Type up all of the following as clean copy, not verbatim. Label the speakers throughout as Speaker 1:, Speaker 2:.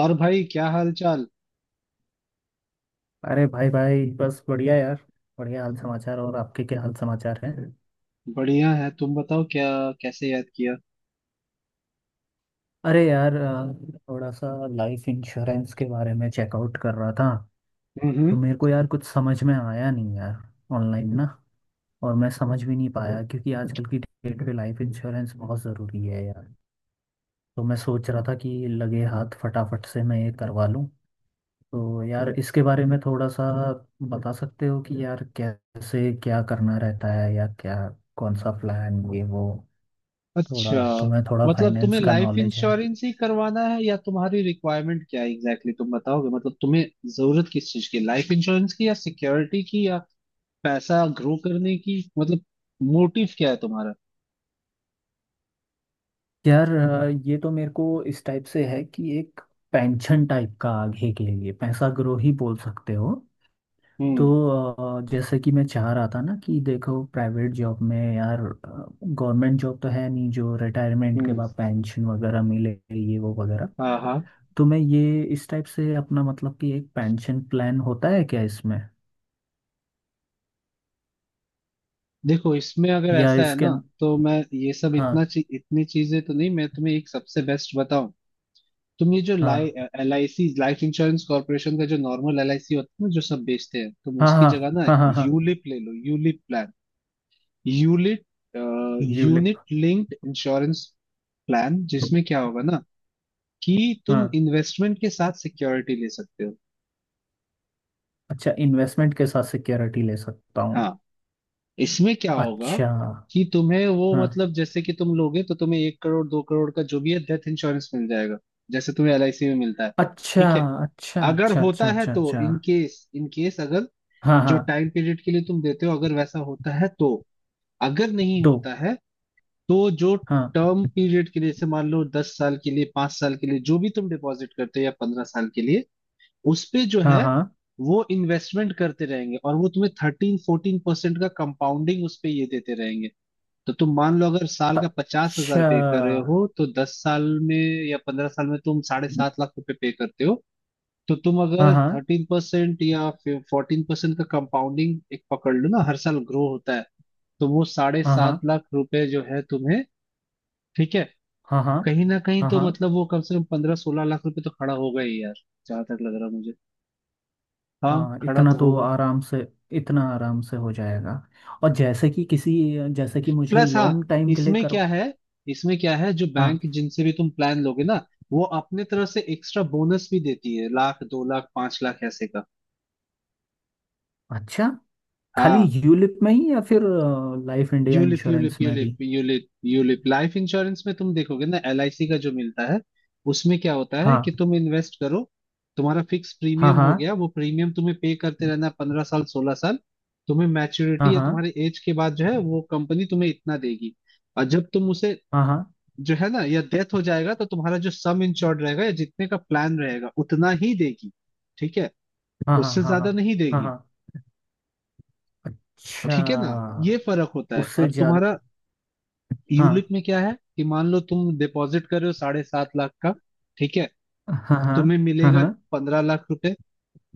Speaker 1: और भाई क्या हाल चाल।
Speaker 2: अरे भाई भाई, बस बढ़िया यार। बढ़िया हाल समाचार। और आपके क्या हाल समाचार हैं?
Speaker 1: बढ़िया है, तुम बताओ, क्या कैसे याद किया?
Speaker 2: अरे यार, थोड़ा सा लाइफ इंश्योरेंस के बारे में चेकआउट कर रहा था।
Speaker 1: हम्म।
Speaker 2: तो मेरे को यार कुछ समझ में आया नहीं यार। ऑनलाइन ना। और मैं समझ भी नहीं पाया, क्योंकि आजकल की डेट पे लाइफ इंश्योरेंस बहुत ज़रूरी है यार। तो मैं सोच रहा था कि लगे हाथ फटाफट से मैं ये करवा लूँ। तो यार इसके बारे में थोड़ा सा बता सकते हो कि यार कैसे क्या करना रहता है, या क्या कौन सा प्लान ये वो।
Speaker 1: अच्छा,
Speaker 2: थोड़ा तुम्हें थोड़ा
Speaker 1: मतलब
Speaker 2: फाइनेंस
Speaker 1: तुम्हें
Speaker 2: का
Speaker 1: लाइफ
Speaker 2: नॉलेज है?
Speaker 1: इंश्योरेंस ही करवाना है या तुम्हारी रिक्वायरमेंट क्या है एग्जैक्टली exactly? तुम बताओगे, मतलब तुम्हें जरूरत किस चीज की, लाइफ इंश्योरेंस की या सिक्योरिटी की या पैसा ग्रो करने की? मतलब मोटिव क्या है तुम्हारा?
Speaker 2: यार, ये तो मेरे को इस टाइप से है कि एक पेंशन टाइप का आगे के लिए पैसा ग्रो ही बोल सकते हो। तो
Speaker 1: हम्म।
Speaker 2: जैसे कि मैं चाह रहा था ना कि देखो, प्राइवेट जॉब में यार, गवर्नमेंट जॉब तो है नहीं जो रिटायरमेंट के
Speaker 1: हम्म।
Speaker 2: बाद पेंशन वगैरह मिले ये वो वगैरह।
Speaker 1: हाँ हाँ।
Speaker 2: तो मैं ये इस टाइप से अपना मतलब कि एक पेंशन प्लान होता है क्या इसमें,
Speaker 1: देखो, इसमें अगर
Speaker 2: या
Speaker 1: ऐसा है
Speaker 2: इसके।
Speaker 1: ना, तो मैं ये सब इतना
Speaker 2: हाँ
Speaker 1: इतनी चीजें तो नहीं, मैं तुम्हें एक सबसे बेस्ट बताऊं। तुम ये जो लाई
Speaker 2: हाँ
Speaker 1: एलआईसी, लाइफ इंश्योरेंस कॉर्पोरेशन का जो नॉर्मल एलआईसी होता है ना जो सब बेचते हैं, तुम
Speaker 2: हाँ।
Speaker 1: उसकी
Speaker 2: हाँ
Speaker 1: जगह ना
Speaker 2: हाँ हाँ हाँ।
Speaker 1: यूलिप ले लो, यूलिप प्लान, यूलिट
Speaker 2: ULIP.
Speaker 1: Unit linked insurance plan, जिसमें क्या होगा ना कि तुम इन्वेस्टमेंट के साथ सिक्योरिटी ले सकते हो।
Speaker 2: अच्छा, इन्वेस्टमेंट के साथ सिक्योरिटी ले सकता हूँ।
Speaker 1: हाँ। इसमें क्या होगा
Speaker 2: अच्छा।
Speaker 1: कि तुम्हें वो,
Speaker 2: हाँ।
Speaker 1: मतलब जैसे कि तुम लोगे तो तुम्हें एक करोड़ दो करोड़ का जो भी है डेथ इंश्योरेंस मिल जाएगा, जैसे तुम्हें एलआईसी में मिलता है।
Speaker 2: अच्छा
Speaker 1: ठीक है?
Speaker 2: अच्छा
Speaker 1: अगर
Speaker 2: अच्छा अच्छा
Speaker 1: होता है
Speaker 2: अच्छा
Speaker 1: तो
Speaker 2: अच्छा।
Speaker 1: इन केस, इन केस अगर
Speaker 2: हाँ
Speaker 1: जो
Speaker 2: हाँ।
Speaker 1: टाइम पीरियड के लिए तुम देते हो, अगर वैसा होता है तो। अगर नहीं
Speaker 2: दो।
Speaker 1: होता है तो जो
Speaker 2: हाँ
Speaker 1: टर्म पीरियड के लिए, जैसे मान लो 10 साल के लिए, 5 साल के लिए जो भी तुम डिपॉजिट करते हो, या 15 साल के लिए, उस पे जो
Speaker 2: हाँ
Speaker 1: है
Speaker 2: हाँ।
Speaker 1: वो इन्वेस्टमेंट करते रहेंगे, और वो तुम्हें 13-14% का कंपाउंडिंग उस पे ये देते रहेंगे। तो तुम मान लो अगर साल का 50,000
Speaker 2: अच्छा।
Speaker 1: पे कर रहे हो तो 10 साल में या 15 साल में तुम 7.5 लाख रुपए पे करते हो। तो तुम
Speaker 2: हाँ
Speaker 1: अगर
Speaker 2: हाँ
Speaker 1: 13% या 14% का कंपाउंडिंग एक पकड़ लो ना, हर साल ग्रो होता है, तो वो साढ़े
Speaker 2: हाँ
Speaker 1: सात
Speaker 2: हाँ
Speaker 1: लाख रुपए जो है तुम्हें, ठीक है,
Speaker 2: हाँ हाँ
Speaker 1: कहीं ना कहीं
Speaker 2: हाँ
Speaker 1: तो,
Speaker 2: हाँ
Speaker 1: मतलब वो कम से कम 15-16 लाख रुपए तो खड़ा होगा ही यार, जहां तक लग रहा है मुझे। हाँ
Speaker 2: हाँ।
Speaker 1: खड़ा
Speaker 2: इतना
Speaker 1: तो
Speaker 2: तो
Speaker 1: होगा।
Speaker 2: आराम से, इतना आराम से हो जाएगा। और जैसे कि किसी, जैसे कि मुझे
Speaker 1: प्लस, हाँ,
Speaker 2: लॉन्ग टाइम के लिए
Speaker 1: इसमें क्या
Speaker 2: करवा।
Speaker 1: है, इसमें क्या है, जो बैंक
Speaker 2: हाँ।
Speaker 1: जिनसे भी तुम प्लान लोगे ना, वो अपने तरफ से एक्स्ट्रा बोनस भी देती है, लाख दो लाख पांच लाख ऐसे का।
Speaker 2: अच्छा, खाली
Speaker 1: हाँ।
Speaker 2: यूलिप में ही या फिर life India
Speaker 1: ULIP ULIP
Speaker 2: insurance में भी?
Speaker 1: ULIP ULIP ULIP life insurance में तुम देखोगे ना, एलआईसी का जो मिलता है, उसमें क्या होता है कि
Speaker 2: हाँ
Speaker 1: तुम इन्वेस्ट करो, तुम्हारा फिक्स
Speaker 2: हाँ
Speaker 1: प्रीमियम
Speaker 2: हाँ
Speaker 1: हो गया, वो प्रीमियम तुम्हें पे करते रहना 15 साल 16 साल। तुम्हें
Speaker 2: हाँ
Speaker 1: मैच्योरिटी या
Speaker 2: हाँ
Speaker 1: तुम्हारे एज के बाद जो है वो कंपनी तुम्हें इतना देगी। और जब तुम उसे
Speaker 2: हाँ हाँ
Speaker 1: जो है ना, या डेथ हो जाएगा, तो तुम्हारा जो सम इंश्योर्ड रहेगा, या जितने का प्लान रहेगा उतना ही देगी। ठीक है,
Speaker 2: हाँ हाँ
Speaker 1: उससे
Speaker 2: हाँ हाँ
Speaker 1: ज्यादा नहीं
Speaker 2: हाँ
Speaker 1: देगी।
Speaker 2: हाँ। अच्छा।
Speaker 1: ठीक है ना। ये फर्क होता है।
Speaker 2: उससे
Speaker 1: और
Speaker 2: ज्यादा।
Speaker 1: तुम्हारा यूलिप
Speaker 2: हाँ
Speaker 1: में क्या है कि मान लो तुम डिपॉजिट कर रहे हो 7.5 लाख का, ठीक है,
Speaker 2: हाँ हाँ
Speaker 1: तुम्हें
Speaker 2: हाँ
Speaker 1: मिलेगा
Speaker 2: हाँ
Speaker 1: 15 लाख रुपए।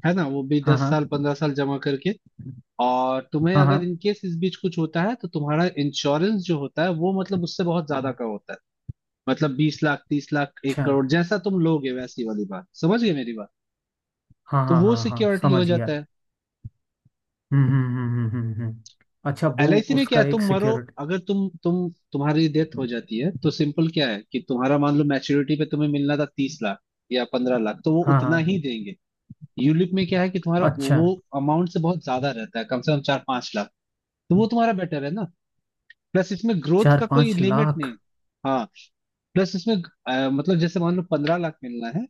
Speaker 1: है ना, वो भी
Speaker 2: हाँ
Speaker 1: दस
Speaker 2: हाँ
Speaker 1: साल पंद्रह साल जमा करके। और तुम्हें
Speaker 2: हाँ हाँ।
Speaker 1: अगर इन केस इस बीच कुछ होता है तो तुम्हारा इंश्योरेंस जो होता है वो मतलब उससे बहुत ज्यादा का होता है, मतलब 20 लाख 30 लाख एक
Speaker 2: अच्छा।
Speaker 1: करोड़, जैसा तुम लोगे वैसी वाली बात, समझ गए मेरी बात?
Speaker 2: हाँ
Speaker 1: तो
Speaker 2: हाँ
Speaker 1: वो
Speaker 2: हाँ हाँ,
Speaker 1: सिक्योरिटी हो
Speaker 2: समझ
Speaker 1: जाता
Speaker 2: गया।
Speaker 1: है।
Speaker 2: हम्म हम्म हम्म हम्म हम्म हम्म। अच्छा वो।
Speaker 1: एलआईसी में क्या
Speaker 2: उसका
Speaker 1: है,
Speaker 2: एक
Speaker 1: तुम मरो,
Speaker 2: सिक्योरिटी।
Speaker 1: अगर तुम्हारी डेथ हो जाती है तो सिंपल क्या है कि तुम्हारा, मान लो मैच्योरिटी पे तुम्हें मिलना था 30 लाख या 15 लाख, तो वो
Speaker 2: हाँ
Speaker 1: उतना ही
Speaker 2: हाँ।
Speaker 1: देंगे। यूलिप में क्या है कि तुम्हारा
Speaker 2: अच्छा।
Speaker 1: वो अमाउंट से बहुत ज्यादा रहता है, कम से कम 4-5 लाख, तो वो तुम्हारा बेटर है ना। प्लस इसमें ग्रोथ
Speaker 2: चार
Speaker 1: का कोई
Speaker 2: पाँच
Speaker 1: लिमिट नहीं
Speaker 2: लाख
Speaker 1: है। हाँ। प्लस इसमें मतलब जैसे मान लो 15 लाख मिलना है,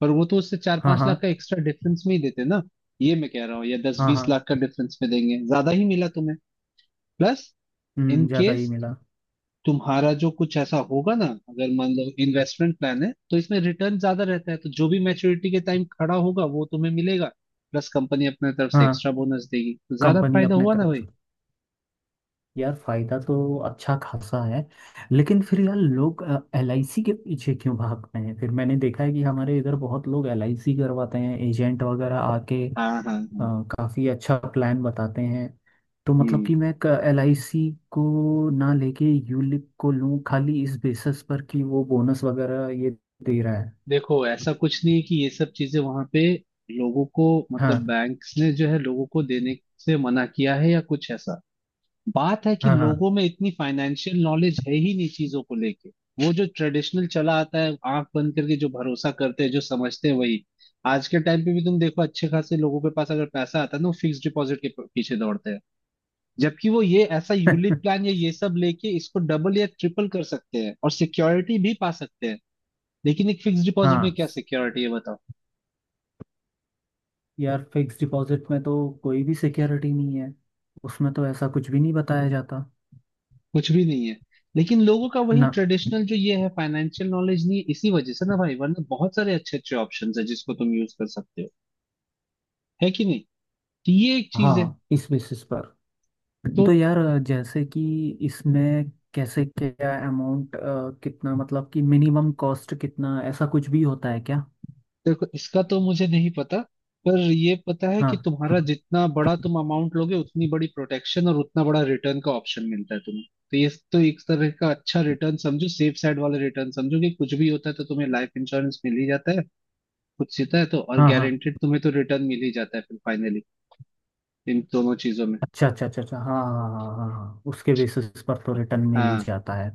Speaker 1: पर वो तो उससे चार
Speaker 2: हाँ
Speaker 1: पांच
Speaker 2: हाँ
Speaker 1: लाख का एक्स्ट्रा डिफरेंस में ही देते ना, ये मैं कह रहा हूँ, या दस
Speaker 2: हाँ
Speaker 1: बीस
Speaker 2: हाँ।
Speaker 1: लाख का डिफरेंस में देंगे, ज्यादा ही मिला तुम्हें। प्लस इन
Speaker 2: हम्म, ज्यादा ही
Speaker 1: केस
Speaker 2: मिला।
Speaker 1: तुम्हारा जो कुछ ऐसा होगा ना, अगर मान लो इन्वेस्टमेंट प्लान है तो इसमें रिटर्न ज्यादा रहता है, तो जो भी मैच्योरिटी के टाइम खड़ा होगा वो तुम्हें मिलेगा। प्लस कंपनी अपने तरफ से
Speaker 2: हाँ,
Speaker 1: एक्स्ट्रा बोनस देगी, तो ज्यादा
Speaker 2: कंपनी
Speaker 1: फायदा
Speaker 2: अपने
Speaker 1: हुआ ना
Speaker 2: तरफ
Speaker 1: भाई।
Speaker 2: से। यार, फायदा तो अच्छा खासा है। लेकिन फिर यार, लोग एल आई सी के पीछे क्यों भागते हैं? फिर मैंने देखा है कि हमारे इधर बहुत लोग एल आई सी करवाते हैं। एजेंट वगैरह आके
Speaker 1: हाँ हाँ हाँ।
Speaker 2: काफी अच्छा प्लान बताते हैं। तो मतलब
Speaker 1: हम्म।
Speaker 2: कि मैं एल आई सी को ना लेके यूलिप को लूं खाली इस बेसिस पर कि वो बोनस वगैरह ये दे रहा है?
Speaker 1: देखो, ऐसा कुछ नहीं है कि ये सब चीजें वहां पे लोगों को, मतलब
Speaker 2: हाँ
Speaker 1: बैंक्स ने जो है लोगों को देने से मना किया है या कुछ ऐसा। बात है कि
Speaker 2: हाँ हाँ।
Speaker 1: लोगों में इतनी फाइनेंशियल नॉलेज है ही नहीं चीजों को लेके। वो जो ट्रेडिशनल चला आता है, आंख बंद करके जो भरोसा करते हैं, जो समझते हैं वही। आज के टाइम पे भी तुम देखो, अच्छे खासे लोगों के पास अगर पैसा आता है ना, वो फिक्स डिपॉजिट के पीछे दौड़ते हैं, जबकि वो ये ऐसा यूलिप प्लान या ये सब लेके इसको डबल या ट्रिपल कर सकते हैं और सिक्योरिटी भी पा सकते हैं। लेकिन एक फिक्स डिपॉजिट में
Speaker 2: हाँ,
Speaker 1: क्या सिक्योरिटी है, बताओ?
Speaker 2: यार फिक्स डिपॉजिट में तो कोई भी सिक्योरिटी नहीं है। उसमें तो ऐसा कुछ भी नहीं बताया जाता।
Speaker 1: कुछ भी नहीं है। लेकिन लोगों का वही
Speaker 2: ना।
Speaker 1: ट्रेडिशनल जो ये है, फाइनेंशियल नॉलेज नहीं है इसी वजह से ना भाई, वरना बहुत सारे अच्छे अच्छे ऑप्शंस है जिसको तुम यूज कर सकते हो, है कि नहीं। तो ये एक चीज है।
Speaker 2: हाँ, इस बेसिस पर।
Speaker 1: तो
Speaker 2: तो यार, जैसे कि इसमें कैसे क्या अमाउंट कितना, मतलब कि मिनिमम कॉस्ट कितना, ऐसा कुछ भी होता है क्या?
Speaker 1: देखो, इसका तो मुझे नहीं पता, पर ये पता है कि
Speaker 2: हाँ
Speaker 1: तुम्हारा जितना बड़ा तुम अमाउंट लोगे, उतनी बड़ी प्रोटेक्शन और उतना बड़ा रिटर्न का ऑप्शन मिलता है तुम्हें। तो ये तो एक तरह का अच्छा रिटर्न समझो, सेफ साइड वाला रिटर्न समझो, कि कुछ भी होता है तो तुम्हें लाइफ इंश्योरेंस मिल ही जाता है, कुछ सीता है तो और
Speaker 2: हाँ हाँ।
Speaker 1: गारंटेड तुम्हें तो रिटर्न मिल ही जाता है फिर फाइनली, इन दोनों चीजों में।
Speaker 2: अच्छा अच्छा अच्छा अच्छा। हाँ हाँ हाँ हाँ हाँ, उसके बेसिस पर तो रिटर्न मिल ही
Speaker 1: हाँ।
Speaker 2: जाता है।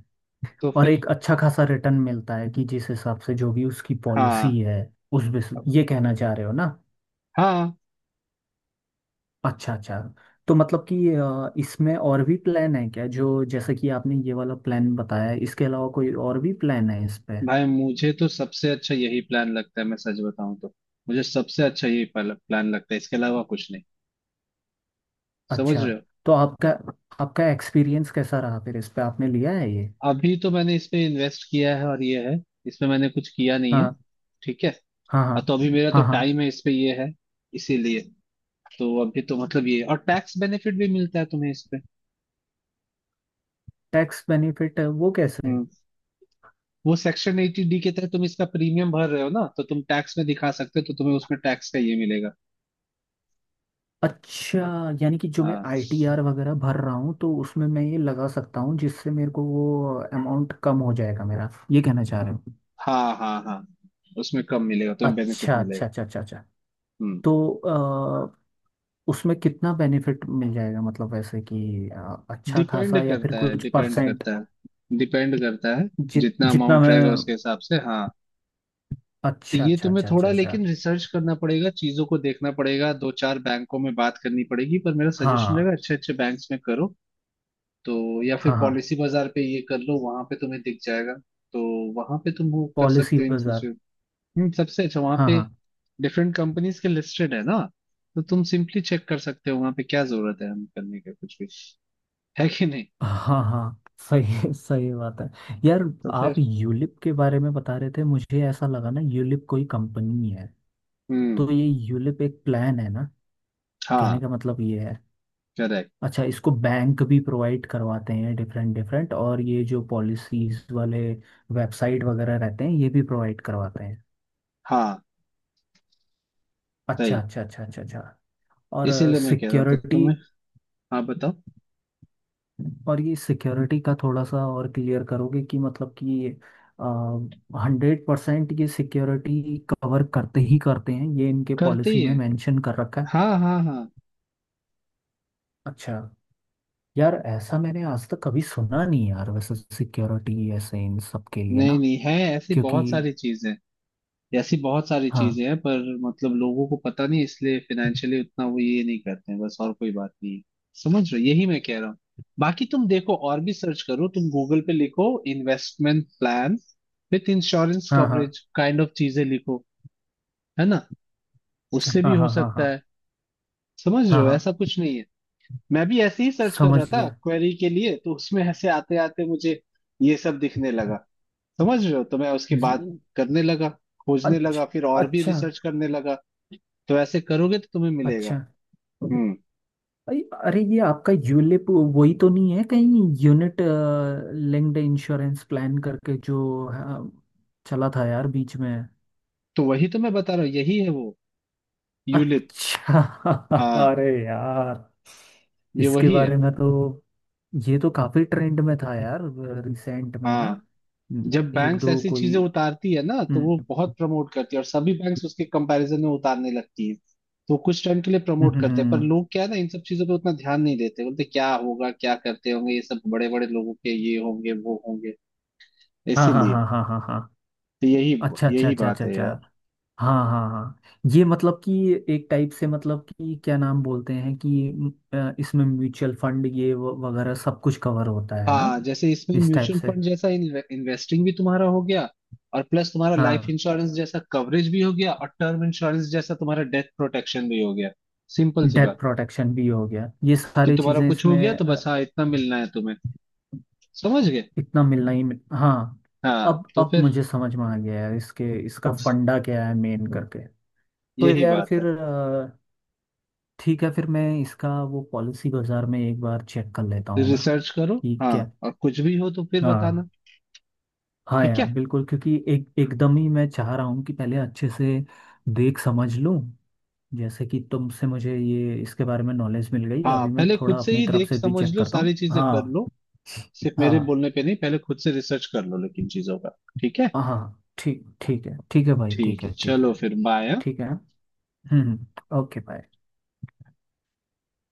Speaker 1: तो
Speaker 2: और
Speaker 1: फिर।
Speaker 2: एक अच्छा खासा रिटर्न मिलता है कि जिस हिसाब से जो भी उसकी
Speaker 1: हाँ।
Speaker 2: पॉलिसी है, उस बेसिस ये कहना चाह रहे हो ना।
Speaker 1: हाँ।
Speaker 2: अच्छा अच्छा। तो मतलब कि इसमें और भी प्लान है क्या, जो जैसे कि आपने ये वाला प्लान बताया है, इसके अलावा कोई और भी प्लान है इस पे?
Speaker 1: भाई, मुझे तो सबसे अच्छा यही प्लान लगता है, मैं सच बताऊं तो। मुझे सबसे अच्छा यही प्लान लगता है, इसके अलावा कुछ नहीं। समझ
Speaker 2: अच्छा।
Speaker 1: रहे हो?
Speaker 2: तो आपका आपका एक्सपीरियंस कैसा रहा फिर इस पे? आपने लिया है ये?
Speaker 1: अभी तो मैंने इस पे इन्वेस्ट किया है और ये है, इसमें मैंने कुछ किया नहीं है।
Speaker 2: हाँ
Speaker 1: ठीक है।
Speaker 2: हाँ हाँ
Speaker 1: और तो अभी मेरा तो
Speaker 2: हाँ हाँ।
Speaker 1: टाइम है इस पे ये है, इसीलिए। तो अभी तो, मतलब ये और टैक्स बेनिफिट भी मिलता है तुम्हें इस पे।
Speaker 2: टैक्स बेनिफिट वो कैसे है?
Speaker 1: हम्म। वो सेक्शन 80D के तहत तुम इसका प्रीमियम भर रहे हो ना, तो तुम टैक्स में दिखा सकते हो, तो तुम्हें उसमें टैक्स का ये मिलेगा।
Speaker 2: अच्छा, यानी कि जो मैं
Speaker 1: हाँ,
Speaker 2: आईटीआर वगैरह भर रहा हूँ तो उसमें मैं ये लगा सकता हूँ, जिससे मेरे को वो अमाउंट कम हो जाएगा मेरा, ये कहना चाह रहे हो?
Speaker 1: हाँ हाँ हाँ। उसमें कम मिलेगा, तुम्हें बेनिफिट
Speaker 2: अच्छा
Speaker 1: मिलेगा।
Speaker 2: अच्छा अच्छा अच्छा अच्छा।
Speaker 1: हम्म।
Speaker 2: तो उसमें कितना बेनिफिट मिल जाएगा, मतलब वैसे कि अच्छा खासा या फिर कुछ परसेंट?
Speaker 1: डिपेंड करता है। जितना
Speaker 2: जितना
Speaker 1: अमाउंट
Speaker 2: मैं।
Speaker 1: रहेगा उसके हिसाब से, हाँ। तो
Speaker 2: अच्छा
Speaker 1: ये
Speaker 2: अच्छा
Speaker 1: तुम्हें
Speaker 2: अच्छा अच्छा
Speaker 1: थोड़ा
Speaker 2: अच्छा।
Speaker 1: लेकिन रिसर्च करना पड़ेगा, चीजों को देखना पड़ेगा, दो चार बैंकों में बात करनी पड़ेगी, पर मेरा सजेशन रहेगा
Speaker 2: हाँ
Speaker 1: अच्छे अच्छे बैंक्स में करो। तो या फिर
Speaker 2: हाँ हाँ।
Speaker 1: पॉलिसी बाजार पे ये कर लो, वहां पे तुम्हें दिख जाएगा। तो वहां पे तुम वो कर
Speaker 2: पॉलिसी
Speaker 1: सकते हो इन
Speaker 2: बाजार।
Speaker 1: सिचुएशन। सबसे अच्छा वहां
Speaker 2: हाँ
Speaker 1: पे।
Speaker 2: हाँ
Speaker 1: डिफरेंट कंपनीज के लिस्टेड है ना, तो तुम सिंपली चेक कर सकते हो वहां पे, क्या जरूरत है हम करने का कुछ भी, है कि नहीं।
Speaker 2: हाँ हाँ, सही सही बात है। यार,
Speaker 1: तो
Speaker 2: आप
Speaker 1: फिर।
Speaker 2: यूलिप के बारे में बता रहे थे, मुझे ऐसा लगा ना यूलिप कोई कंपनी है।
Speaker 1: हम्म।
Speaker 2: तो ये यूलिप एक प्लान है ना, कहने
Speaker 1: हाँ।
Speaker 2: का मतलब ये है।
Speaker 1: करेक्ट।
Speaker 2: अच्छा, इसको बैंक भी प्रोवाइड करवाते हैं डिफरेंट डिफरेंट, और ये जो पॉलिसीज वाले वेबसाइट वगैरह रहते हैं ये भी प्रोवाइड करवाते हैं।
Speaker 1: हाँ
Speaker 2: अच्छा
Speaker 1: सही।
Speaker 2: अच्छा अच्छा अच्छा अच्छा। और
Speaker 1: इसीलिए मैं कह रहा था
Speaker 2: सिक्योरिटी।
Speaker 1: तुम्हें। हाँ बताओ।
Speaker 2: और ये सिक्योरिटी का थोड़ा सा और क्लियर करोगे कि मतलब कि 100% ये सिक्योरिटी कवर करते ही करते हैं, ये इनके
Speaker 1: करते
Speaker 2: पॉलिसी
Speaker 1: ही
Speaker 2: में
Speaker 1: है,
Speaker 2: मेंशन कर रखा है?
Speaker 1: हाँ हाँ हाँ।
Speaker 2: अच्छा। यार, ऐसा मैंने आज तक कभी सुना नहीं यार, वैसे सिक्योरिटी ऐसे इन सब के लिए
Speaker 1: नहीं
Speaker 2: ना।
Speaker 1: नहीं है ऐसी
Speaker 2: क्योंकि।
Speaker 1: बहुत सारी चीजें। ऐसी बहुत सारी
Speaker 2: हाँ
Speaker 1: चीजें हैं, पर मतलब लोगों को पता नहीं, इसलिए फाइनेंशियली उतना वो ये नहीं करते हैं बस, और कोई बात नहीं है। समझ रहे हो? यही मैं कह रहा हूँ। बाकी तुम देखो और भी, सर्च करो, तुम गूगल पे लिखो इन्वेस्टमेंट प्लान विथ इंश्योरेंस
Speaker 2: हाँ हाँ।
Speaker 1: कवरेज, काइंड ऑफ चीजें लिखो, है ना।
Speaker 2: अच्छा।
Speaker 1: उससे भी
Speaker 2: हाँ
Speaker 1: हो
Speaker 2: हाँ हाँ
Speaker 1: सकता
Speaker 2: हाँ
Speaker 1: है। समझ रहे
Speaker 2: हाँ
Speaker 1: हो,
Speaker 2: हाँ,
Speaker 1: ऐसा कुछ नहीं है। मैं भी ऐसे ही सर्च कर
Speaker 2: समझ
Speaker 1: रहा था
Speaker 2: गया।
Speaker 1: क्वेरी के लिए, तो उसमें ऐसे आते आते मुझे ये सब दिखने लगा। समझ रहे हो, तो मैं उसके बाद
Speaker 2: ये।
Speaker 1: करने लगा, खोजने
Speaker 2: अच्छा
Speaker 1: लगा, फिर और भी
Speaker 2: अच्छा
Speaker 1: रिसर्च करने लगा। तो ऐसे करोगे तो तुम्हें मिलेगा।
Speaker 2: अच्छा।
Speaker 1: हम्म।
Speaker 2: अरे अरे, ये आपका यूलिप वही तो नहीं है कहीं, यूनिट लिंक्ड इंश्योरेंस प्लान करके जो अ, चला था यार बीच में?
Speaker 1: तो वही तो मैं बता रहा हूँ, यही है वो यूलिप।
Speaker 2: अच्छा।
Speaker 1: हाँ,
Speaker 2: अरे यार,
Speaker 1: ये
Speaker 2: इसके
Speaker 1: वही है।
Speaker 2: बारे में तो। ये तो काफी ट्रेंड में था यार, रिसेंट में ना।
Speaker 1: हाँ, जब
Speaker 2: एक
Speaker 1: बैंक्स
Speaker 2: दो
Speaker 1: ऐसी
Speaker 2: कोई।
Speaker 1: चीजें उतारती है ना, तो
Speaker 2: हम्म
Speaker 1: वो
Speaker 2: हम्म
Speaker 1: बहुत प्रमोट करती है और सभी बैंक्स उसके कंपैरिजन में उतारने लगती है। तो कुछ टाइम के लिए
Speaker 2: हम्म,
Speaker 1: प्रमोट
Speaker 2: हम्म,
Speaker 1: करते हैं, पर
Speaker 2: हम्म।
Speaker 1: लोग क्या है ना, इन सब चीजों पे उतना ध्यान नहीं देते, बोलते क्या होगा, क्या करते होंगे, ये सब बड़े बड़े लोगों के ये होंगे वो होंगे।
Speaker 2: हाँ हाँ
Speaker 1: इसीलिए।
Speaker 2: हाँ हाँ हाँ हाँ।
Speaker 1: तो यही,
Speaker 2: अच्छा अच्छा
Speaker 1: यही
Speaker 2: अच्छा
Speaker 1: बात
Speaker 2: अच्छा
Speaker 1: है
Speaker 2: अच्छा।
Speaker 1: यार।
Speaker 2: हाँ हाँ हाँ, ये मतलब कि एक टाइप से, मतलब कि क्या नाम बोलते हैं कि इसमें म्यूचुअल फंड ये वगैरह सब कुछ कवर होता है ना,
Speaker 1: हाँ, जैसे इसमें
Speaker 2: इस टाइप
Speaker 1: म्यूचुअल
Speaker 2: से।
Speaker 1: फंड जैसा इन्वेस्टिंग भी तुम्हारा हो गया, और प्लस तुम्हारा लाइफ
Speaker 2: हाँ।
Speaker 1: इंश्योरेंस जैसा कवरेज भी हो गया, और टर्म इंश्योरेंस जैसा तुम्हारा डेथ प्रोटेक्शन भी हो गया। सिंपल सी
Speaker 2: डेथ
Speaker 1: बात,
Speaker 2: प्रोटेक्शन भी हो गया, ये
Speaker 1: कि
Speaker 2: सारी
Speaker 1: तुम्हारा
Speaker 2: चीज़ें
Speaker 1: कुछ हो गया
Speaker 2: इसमें
Speaker 1: तो बस, हाँ, इतना मिलना है तुम्हें। समझ गए।
Speaker 2: इतना मिलना ही हाँ।
Speaker 1: हाँ
Speaker 2: अब
Speaker 1: तो
Speaker 2: अब
Speaker 1: फिर।
Speaker 2: मुझे समझ में आ गया है, इसके इसका फंडा क्या है मेन करके। तो
Speaker 1: यही
Speaker 2: यार
Speaker 1: बात
Speaker 2: फिर
Speaker 1: है।
Speaker 2: ठीक है, फिर मैं इसका वो पॉलिसी बाजार में एक बार चेक कर लेता हूँ ना
Speaker 1: रिसर्च करो,
Speaker 2: कि
Speaker 1: हाँ,
Speaker 2: क्या।
Speaker 1: और कुछ भी हो तो फिर
Speaker 2: हाँ
Speaker 1: बताना।
Speaker 2: हाँ
Speaker 1: ठीक
Speaker 2: यार,
Speaker 1: है।
Speaker 2: बिल्कुल, क्योंकि एक एकदम ही मैं चाह रहा हूँ कि पहले अच्छे से देख समझ लूँ। जैसे कि तुमसे मुझे ये इसके बारे में नॉलेज मिल गई,
Speaker 1: हाँ,
Speaker 2: अभी मैं
Speaker 1: पहले खुद
Speaker 2: थोड़ा
Speaker 1: से
Speaker 2: अपनी
Speaker 1: ही
Speaker 2: तरफ
Speaker 1: देख
Speaker 2: से भी
Speaker 1: समझ
Speaker 2: चेक
Speaker 1: लो
Speaker 2: करता
Speaker 1: सारी
Speaker 2: हूँ
Speaker 1: चीजें कर
Speaker 2: हाँ।
Speaker 1: लो, सिर्फ मेरे
Speaker 2: हाँ
Speaker 1: बोलने पे नहीं, पहले खुद से रिसर्च कर लो लेकिन चीजों का, ठीक है।
Speaker 2: हाँ, ठीक ठीक है, ठीक है भाई,
Speaker 1: ठीक
Speaker 2: ठीक
Speaker 1: है
Speaker 2: है ठीक
Speaker 1: चलो,
Speaker 2: है।
Speaker 1: फिर बाय।
Speaker 2: ठीक है। हम्म। हम्म। ओके।